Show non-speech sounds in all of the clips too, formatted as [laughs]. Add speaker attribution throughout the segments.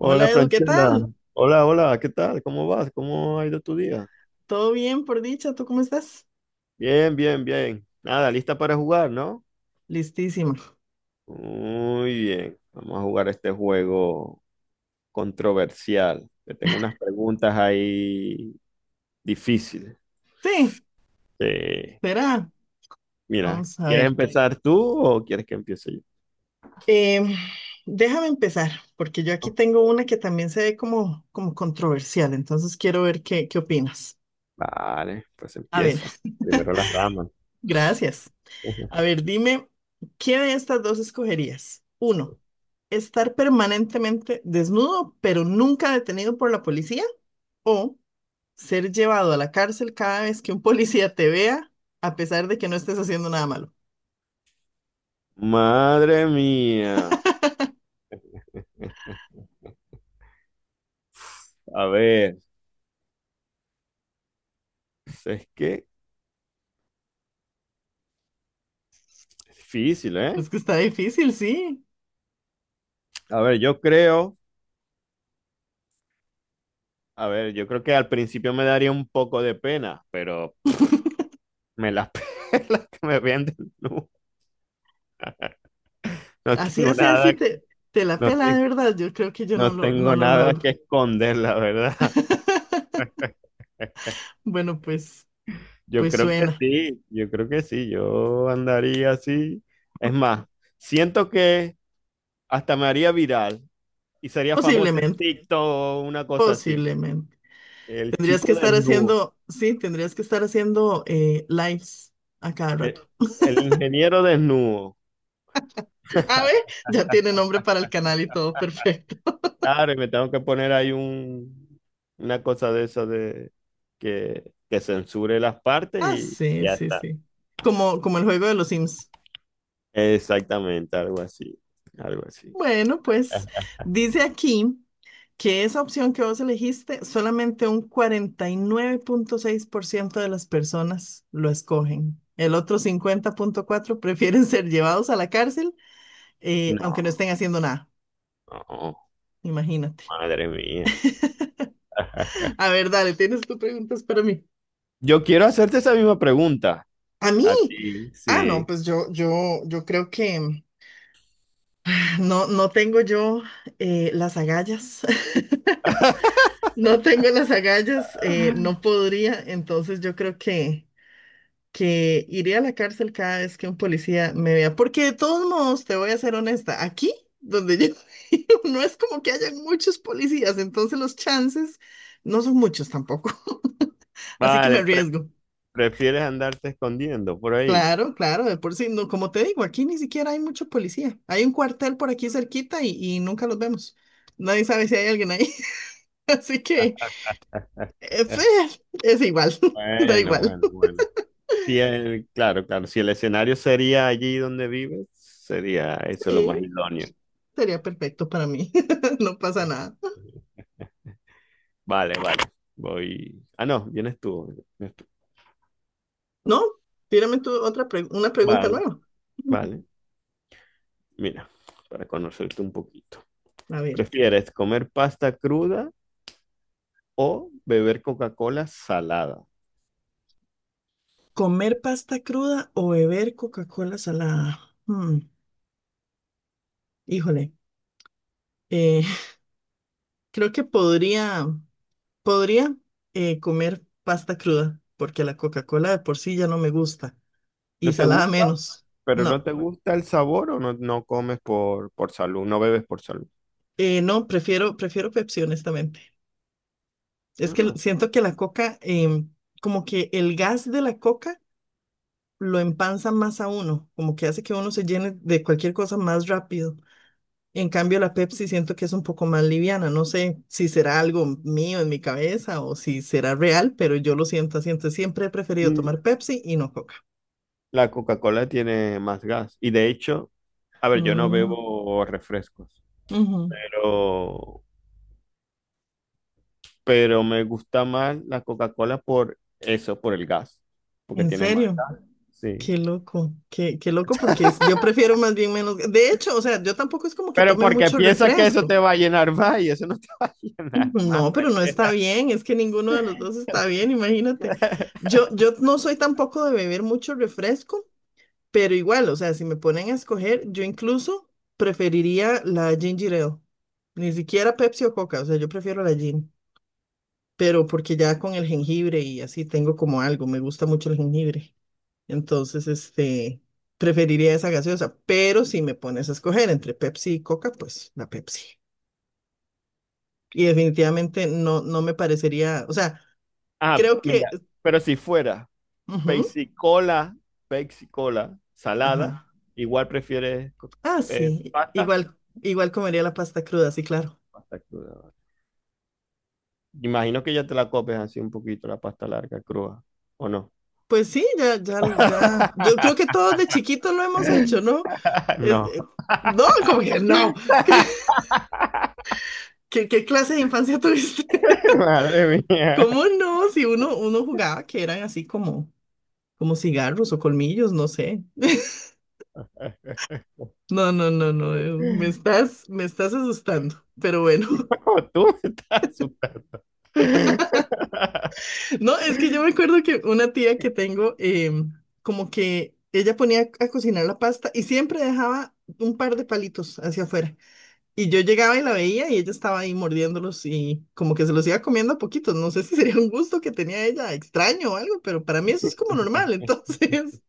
Speaker 1: Hola Edu, ¿qué
Speaker 2: Franchela,
Speaker 1: tal?
Speaker 2: hola, hola, ¿qué tal? ¿Cómo vas? ¿Cómo ha ido tu día?
Speaker 1: ¿Todo bien por dicha? ¿Tú cómo estás?
Speaker 2: Bien, bien, bien. Nada, lista para jugar, ¿no?
Speaker 1: Listísima.
Speaker 2: Muy bien. Vamos a jugar este juego controversial. Te tengo unas preguntas ahí difíciles.
Speaker 1: Sí,
Speaker 2: Eh,
Speaker 1: verá.
Speaker 2: mira,
Speaker 1: Vamos a
Speaker 2: ¿quieres
Speaker 1: ver.
Speaker 2: empezar tú o quieres que empiece yo?
Speaker 1: Em, déjame empezar, porque yo aquí
Speaker 2: No.
Speaker 1: tengo una que también se ve como controversial, entonces quiero ver qué opinas.
Speaker 2: Vale, pues
Speaker 1: A ver,
Speaker 2: empieza. Primero las damas.
Speaker 1: [laughs] gracias. A
Speaker 2: [laughs]
Speaker 1: ver, dime, ¿qué de estas dos escogerías? Uno, estar permanentemente desnudo, pero nunca detenido por la policía, o ser llevado a la cárcel cada vez que un policía te vea, a pesar de que no estés haciendo nada malo.
Speaker 2: Madre mía. A ver, es que es difícil, ¿eh?
Speaker 1: Es que está difícil, sí.
Speaker 2: A ver, yo creo. A ver, yo creo que al principio me daría un poco de pena, pero me las [laughs] pelas que me vean desnudo. No
Speaker 1: Así,
Speaker 2: tengo
Speaker 1: así, así
Speaker 2: nada,
Speaker 1: te la
Speaker 2: no,
Speaker 1: pela de verdad. Yo creo que yo no
Speaker 2: no
Speaker 1: lo, no
Speaker 2: tengo
Speaker 1: lo
Speaker 2: nada que
Speaker 1: logro.
Speaker 2: esconder, la verdad.
Speaker 1: [laughs] Bueno, pues,
Speaker 2: Yo
Speaker 1: pues
Speaker 2: creo que
Speaker 1: suena.
Speaker 2: sí, yo creo que sí, yo andaría así. Es más, siento que hasta me haría viral y sería famoso en
Speaker 1: Posiblemente,
Speaker 2: TikTok o una cosa así.
Speaker 1: posiblemente.
Speaker 2: El
Speaker 1: Tendrías que
Speaker 2: chico
Speaker 1: estar
Speaker 2: desnudo,
Speaker 1: haciendo, sí, tendrías que estar haciendo lives a cada
Speaker 2: el,
Speaker 1: rato.
Speaker 2: el ingeniero desnudo.
Speaker 1: A ver, ya tiene nombre para el canal y todo, [laughs] perfecto.
Speaker 2: Claro, y me tengo que poner ahí un, una cosa de esa de que censure las partes
Speaker 1: Ah,
Speaker 2: y
Speaker 1: sí,
Speaker 2: ya
Speaker 1: sí,
Speaker 2: está.
Speaker 1: sí. Como el juego de los Sims.
Speaker 2: Exactamente, algo así, algo así.
Speaker 1: Bueno, pues dice aquí que esa opción que vos elegiste, solamente un 49,6% de las personas lo escogen. El otro 50,4% prefieren [laughs] ser llevados a la cárcel, aunque no
Speaker 2: No,
Speaker 1: estén haciendo nada.
Speaker 2: no,
Speaker 1: Imagínate.
Speaker 2: madre mía. [laughs]
Speaker 1: A ver, dale, tienes tus preguntas para mí.
Speaker 2: Yo quiero hacerte esa misma pregunta
Speaker 1: A mí.
Speaker 2: a ti,
Speaker 1: Ah, no,
Speaker 2: sí.
Speaker 1: pues yo creo que no tengo yo las agallas. [laughs] No tengo las agallas, no podría, entonces yo creo que iré a la cárcel cada vez que un policía me vea. Porque de todos modos, te voy a ser honesta, aquí donde yo [laughs] vivo, no es como que hayan muchos policías, entonces los chances no son muchos tampoco. [laughs] Así que me
Speaker 2: Vale,
Speaker 1: arriesgo.
Speaker 2: prefieres andarte escondiendo por ahí.
Speaker 1: Claro, claro, de por sí, no, como te digo, aquí ni siquiera hay mucho policía. Hay un cuartel por aquí cerquita y nunca los vemos. Nadie sabe si hay alguien ahí. [laughs] Así que eh, fe,
Speaker 2: [laughs]
Speaker 1: es igual, [laughs] da
Speaker 2: Bueno,
Speaker 1: igual.
Speaker 2: bueno, bueno. Si claro, claro, si el escenario sería allí donde vives, sería eso lo
Speaker 1: Sí,
Speaker 2: más idóneo.
Speaker 1: sería perfecto para mí. [laughs] No pasa nada.
Speaker 2: Vale, vale. Voy. Ah, no, vienes tú. Vienes tú.
Speaker 1: No, tírame tú una pregunta
Speaker 2: Vale,
Speaker 1: nueva.
Speaker 2: vale. Mira, para conocerte un poquito.
Speaker 1: A ver,
Speaker 2: ¿Prefieres comer pasta cruda o beber Coca-Cola salada?
Speaker 1: ¿comer pasta cruda o beber Coca-Cola salada? Hmm, híjole, eh, [laughs] creo que podría comer pasta cruda, porque la Coca-Cola de por sí ya no me gusta y
Speaker 2: ¿No te
Speaker 1: salada
Speaker 2: gusta?
Speaker 1: menos.
Speaker 2: ¿Pero no
Speaker 1: No,
Speaker 2: te gusta el sabor o no, no comes por salud? ¿No bebes por salud?
Speaker 1: no, prefiero Pepsi, honestamente. Es que
Speaker 2: Ah.
Speaker 1: siento que la Coca, como que el gas de la Coca lo empanza más a uno, como que hace que uno se llene de cualquier cosa más rápido. En cambio, la Pepsi siento que es un poco más liviana. No sé si será algo mío en mi cabeza o si será real, pero yo lo siento así. Entonces, siempre he preferido
Speaker 2: Mm,
Speaker 1: tomar Pepsi y no Coca.
Speaker 2: la Coca-Cola tiene más gas. Y de hecho, a ver, yo no
Speaker 1: Mm,
Speaker 2: bebo refrescos,
Speaker 1: ujú.
Speaker 2: pero pero me gusta más la Coca-Cola por eso, por el gas, porque
Speaker 1: ¿En
Speaker 2: tiene más
Speaker 1: serio?
Speaker 2: gas. Sí.
Speaker 1: Qué loco, qué loco, porque yo prefiero más bien menos. De hecho, o sea, yo tampoco es como que
Speaker 2: Pero
Speaker 1: tome
Speaker 2: porque
Speaker 1: mucho
Speaker 2: piensa que eso te
Speaker 1: refresco.
Speaker 2: va a llenar más y eso no te [laughs] va a llenar más,
Speaker 1: No, pero no está
Speaker 2: frechera.
Speaker 1: bien, es que ninguno de los dos está bien, imagínate.
Speaker 2: [laughs]
Speaker 1: Yo no soy tampoco de beber mucho refresco, pero igual, o sea, si me ponen a escoger, yo incluso preferiría la ginger ale. Ni siquiera Pepsi o Coca, o sea, yo prefiero la gin. Pero porque ya con el jengibre y así tengo como algo, me gusta mucho el jengibre. Entonces, preferiría esa gaseosa. Pero si me pones a escoger entre Pepsi y Coca, pues la Pepsi. Y definitivamente no me parecería, o sea,
Speaker 2: Ah,
Speaker 1: creo que...
Speaker 2: mira, pero si fuera
Speaker 1: ujú,
Speaker 2: Pepsi Cola, Pepsi Cola salada,
Speaker 1: ajá.
Speaker 2: igual prefieres
Speaker 1: Ah, sí,
Speaker 2: pasta.
Speaker 1: igual comería la pasta cruda, sí, claro.
Speaker 2: Pasta cruda. Imagino que ya te la comes así un poquito la pasta larga, cruda, ¿o no?
Speaker 1: Pues sí, ya, ya, ya.
Speaker 2: [laughs]
Speaker 1: Yo creo que todos de chiquitos lo hemos hecho, ¿no? Es-
Speaker 2: No.
Speaker 1: eh, no, como que no. [laughs] ¿Qué,
Speaker 2: [laughs]
Speaker 1: qué clase de infancia tuviste?
Speaker 2: Madre
Speaker 1: [laughs]
Speaker 2: mía.
Speaker 1: ¿Cómo no? Si uno jugaba que eran así como cigarros o colmillos, no sé. No, no, no, no. Me estás asustando. Pero bueno. [laughs]
Speaker 2: [laughs] No, tú me estás asustando. [laughs]
Speaker 1: No, es que yo me acuerdo que una tía que tengo, como que ella ponía a cocinar la pasta y siempre dejaba un par de palitos hacia afuera. Y yo llegaba y la veía y ella estaba ahí mordiéndolos y como que se los iba comiendo a poquitos. No sé si sería un gusto que tenía ella, extraño o algo, pero para mí eso es como normal, [laughs] entonces.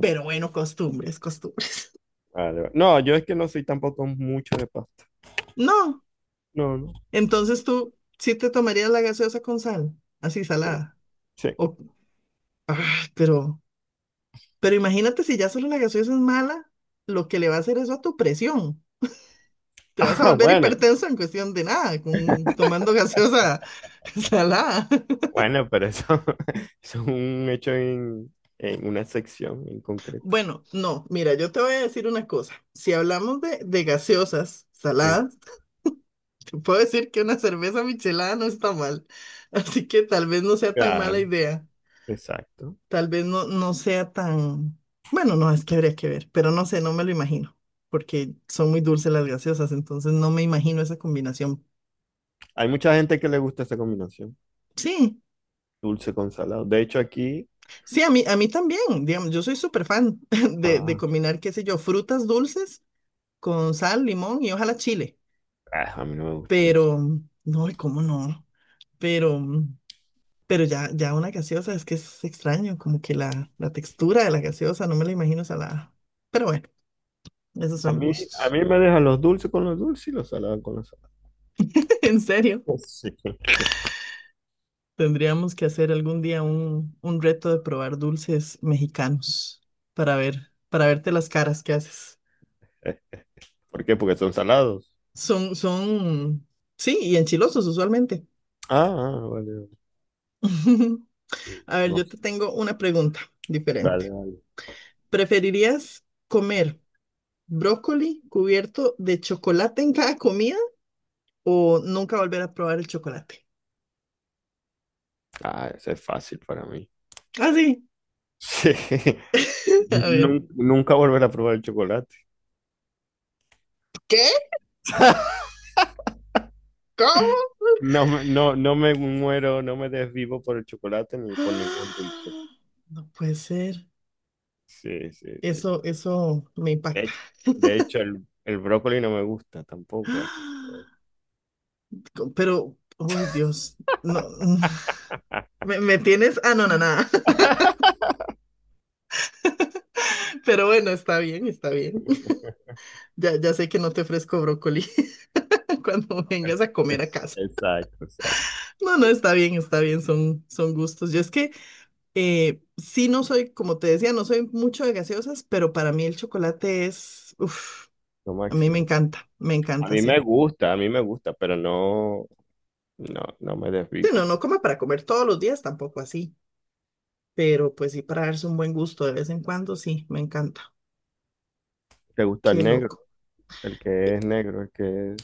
Speaker 1: Pero bueno, costumbres, costumbres.
Speaker 2: Vale, vale. No, yo es que no soy tampoco mucho de pasta.
Speaker 1: No,
Speaker 2: No, no.
Speaker 1: entonces tú sí te tomarías la gaseosa con sal, así
Speaker 2: Sí,
Speaker 1: salada.
Speaker 2: sí.
Speaker 1: O, ah, pero imagínate si ya solo la gaseosa es mala, lo que le va a hacer eso a tu presión. Te vas
Speaker 2: [laughs]
Speaker 1: a
Speaker 2: Ah,
Speaker 1: volver
Speaker 2: bueno,
Speaker 1: hipertenso en cuestión de nada, tomando gaseosa [laughs] salada.
Speaker 2: bueno, pero eso, [laughs] eso es un hecho en una sección en concreto.
Speaker 1: Bueno, no, mira, yo te voy a decir una cosa. Si hablamos de gaseosas
Speaker 2: Sí,
Speaker 1: saladas, te puedo decir que una cerveza michelada no está mal. [laughs] Así que tal vez no sea tan mala
Speaker 2: claro,
Speaker 1: idea.
Speaker 2: exacto.
Speaker 1: Tal vez no sea tan... Bueno, no, es que habría que ver, pero no sé, no me lo imagino, porque son muy dulces las gaseosas, entonces no me imagino esa combinación.
Speaker 2: Hay mucha gente que le gusta esa combinación,
Speaker 1: Sí,
Speaker 2: dulce con salado. De hecho, aquí,
Speaker 1: sí, a mí también, digamos, yo soy súper fan [laughs] de
Speaker 2: ah,
Speaker 1: combinar, qué sé yo, frutas dulces con sal, limón y ojalá chile.
Speaker 2: ah, a mí no me gusta eso.
Speaker 1: pero, no, y cómo no, pero, pero ya una gaseosa es que es extraño, como que la textura de la gaseosa, no me la imagino salada. Pero bueno, esos
Speaker 2: A
Speaker 1: son
Speaker 2: mí, a
Speaker 1: gustos.
Speaker 2: mí me dejan los dulces con los dulces y los salados con los salados.
Speaker 1: [laughs] En serio,
Speaker 2: [laughs] Sí.
Speaker 1: tendríamos que hacer algún día un reto de probar dulces mexicanos para verte las caras que haces.
Speaker 2: ¿Por qué? Porque son salados.
Speaker 1: Son, sí, y enchilosos usualmente.
Speaker 2: Ah, ah, vale. Vale.
Speaker 1: [laughs] A ver,
Speaker 2: No
Speaker 1: yo
Speaker 2: sé.
Speaker 1: te tengo una pregunta
Speaker 2: Vale,
Speaker 1: diferente.
Speaker 2: vale.
Speaker 1: ¿Preferirías comer brócoli cubierto de chocolate en cada comida o nunca volver a probar el chocolate?
Speaker 2: Ah, ese es fácil para mí. [laughs]
Speaker 1: Así.
Speaker 2: Sí.
Speaker 1: [laughs] A ver.
Speaker 2: Nunca volver a probar el chocolate.
Speaker 1: ¿Qué? ¿Cómo? [gasps]
Speaker 2: No me, no, no me muero, no me desvivo por el chocolate ni por ningún dulce.
Speaker 1: No puede ser.
Speaker 2: Sí, sí, sí.
Speaker 1: Eso me
Speaker 2: De
Speaker 1: impacta.
Speaker 2: hecho,
Speaker 1: [gasps]
Speaker 2: de hecho, el brócoli no me gusta tampoco. Así.
Speaker 1: Pero, uy, Dios, no, [laughs] me tienes anonadada. [laughs] Pero bueno, está bien, está bien.
Speaker 2: [laughs]
Speaker 1: Ya, ya sé que no te ofrezco brócoli [laughs] cuando vengas a comer a casa.
Speaker 2: Exacto, exacto.
Speaker 1: No, no, está bien, son gustos. Yo es que sí, no soy, como te decía, no soy mucho de gaseosas, pero para mí el chocolate es, uff,
Speaker 2: Lo
Speaker 1: a mí
Speaker 2: máximo.
Speaker 1: me
Speaker 2: A
Speaker 1: encanta,
Speaker 2: mí me
Speaker 1: sí.
Speaker 2: gusta, a mí me gusta, pero no, no, no me
Speaker 1: Sí, no,
Speaker 2: desvivo.
Speaker 1: no come para comer todos los días, tampoco así, pero pues sí, para darse un buen gusto de vez en cuando, sí, me encanta.
Speaker 2: ¿Te gusta el
Speaker 1: Qué
Speaker 2: negro?
Speaker 1: loco.
Speaker 2: El
Speaker 1: Eh,
Speaker 2: que es negro, el que es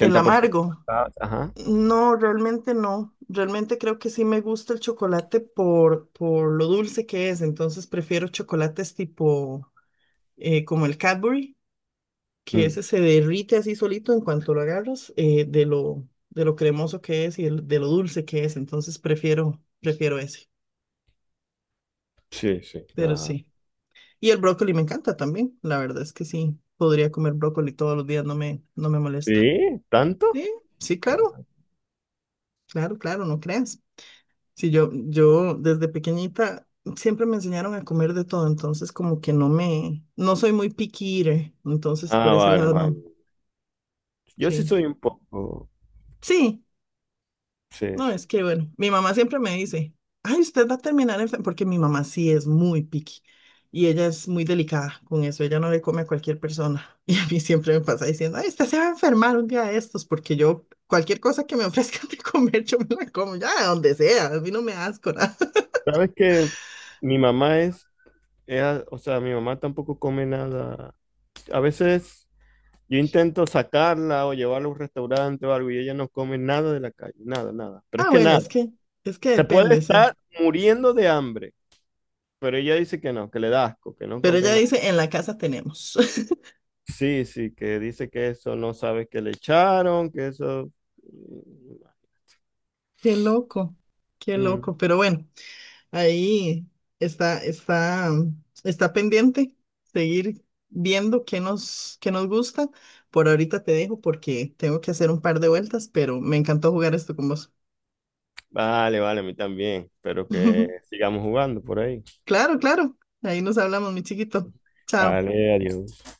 Speaker 1: El amargo,
Speaker 2: pasado.
Speaker 1: no, realmente no. Realmente creo que sí me gusta el chocolate por lo dulce que es, entonces prefiero chocolates tipo como el Cadbury que
Speaker 2: Mm,
Speaker 1: ese se derrite así solito en cuanto lo agarras, de lo cremoso que es y de lo dulce que es. Entonces prefiero ese,
Speaker 2: sí, sí.
Speaker 1: pero sí. Y el brócoli me encanta también. La verdad es que sí, podría comer brócoli todos los días, no me molesta.
Speaker 2: ¿Sí? ¿Tanto?
Speaker 1: Sí, sí, claro,
Speaker 2: Ah,
Speaker 1: claro, claro, no creas. Sí, yo desde pequeñita siempre me enseñaron a comer de todo, entonces como que no me, no soy muy picky eater, entonces por
Speaker 2: ah,
Speaker 1: ese
Speaker 2: vale,
Speaker 1: lado
Speaker 2: vale.
Speaker 1: no,
Speaker 2: Yo sí
Speaker 1: sí.
Speaker 2: soy un poco.
Speaker 1: Sí,
Speaker 2: Sí,
Speaker 1: no,
Speaker 2: sí.
Speaker 1: es que bueno, mi mamá siempre me dice, ay, usted va a terminar enferma, porque mi mamá sí es muy picky y ella es muy delicada con eso, ella no le come a cualquier persona [laughs] y a mí siempre me pasa diciendo, ay, usted se va a enfermar un día de estos, porque yo cualquier cosa que me ofrezcan de comer, yo me la como, ya, de donde sea, a mí no me da asco nada. [laughs]
Speaker 2: Sabes que mi mamá es, o sea, mi mamá tampoco come nada. A veces yo intento sacarla o llevarla a un restaurante o algo y ella no come nada de la calle, nada, nada. Pero
Speaker 1: Ah,
Speaker 2: es que
Speaker 1: bueno, es
Speaker 2: nada.
Speaker 1: que, es que
Speaker 2: Se puede
Speaker 1: depende, sí,
Speaker 2: estar muriendo de hambre, pero ella dice que no, que le da asco, que no
Speaker 1: pero
Speaker 2: come
Speaker 1: ella
Speaker 2: nada.
Speaker 1: dice, en la casa tenemos. [laughs]
Speaker 2: Sí, sí, que dice que eso no sabe que le echaron, que eso. Mm,
Speaker 1: Qué loco, qué
Speaker 2: mm,
Speaker 1: loco, pero bueno. Ahí está, está, está pendiente seguir viendo qué nos gusta. Por ahorita te dejo porque tengo que hacer un par de vueltas, pero me encantó jugar esto con vos.
Speaker 2: vale, vale, a mí también. Espero que
Speaker 1: [laughs]
Speaker 2: sigamos jugando por ahí.
Speaker 1: Claro, claro. Ahí nos hablamos, mi chiquito. Chao.
Speaker 2: Vale, adiós.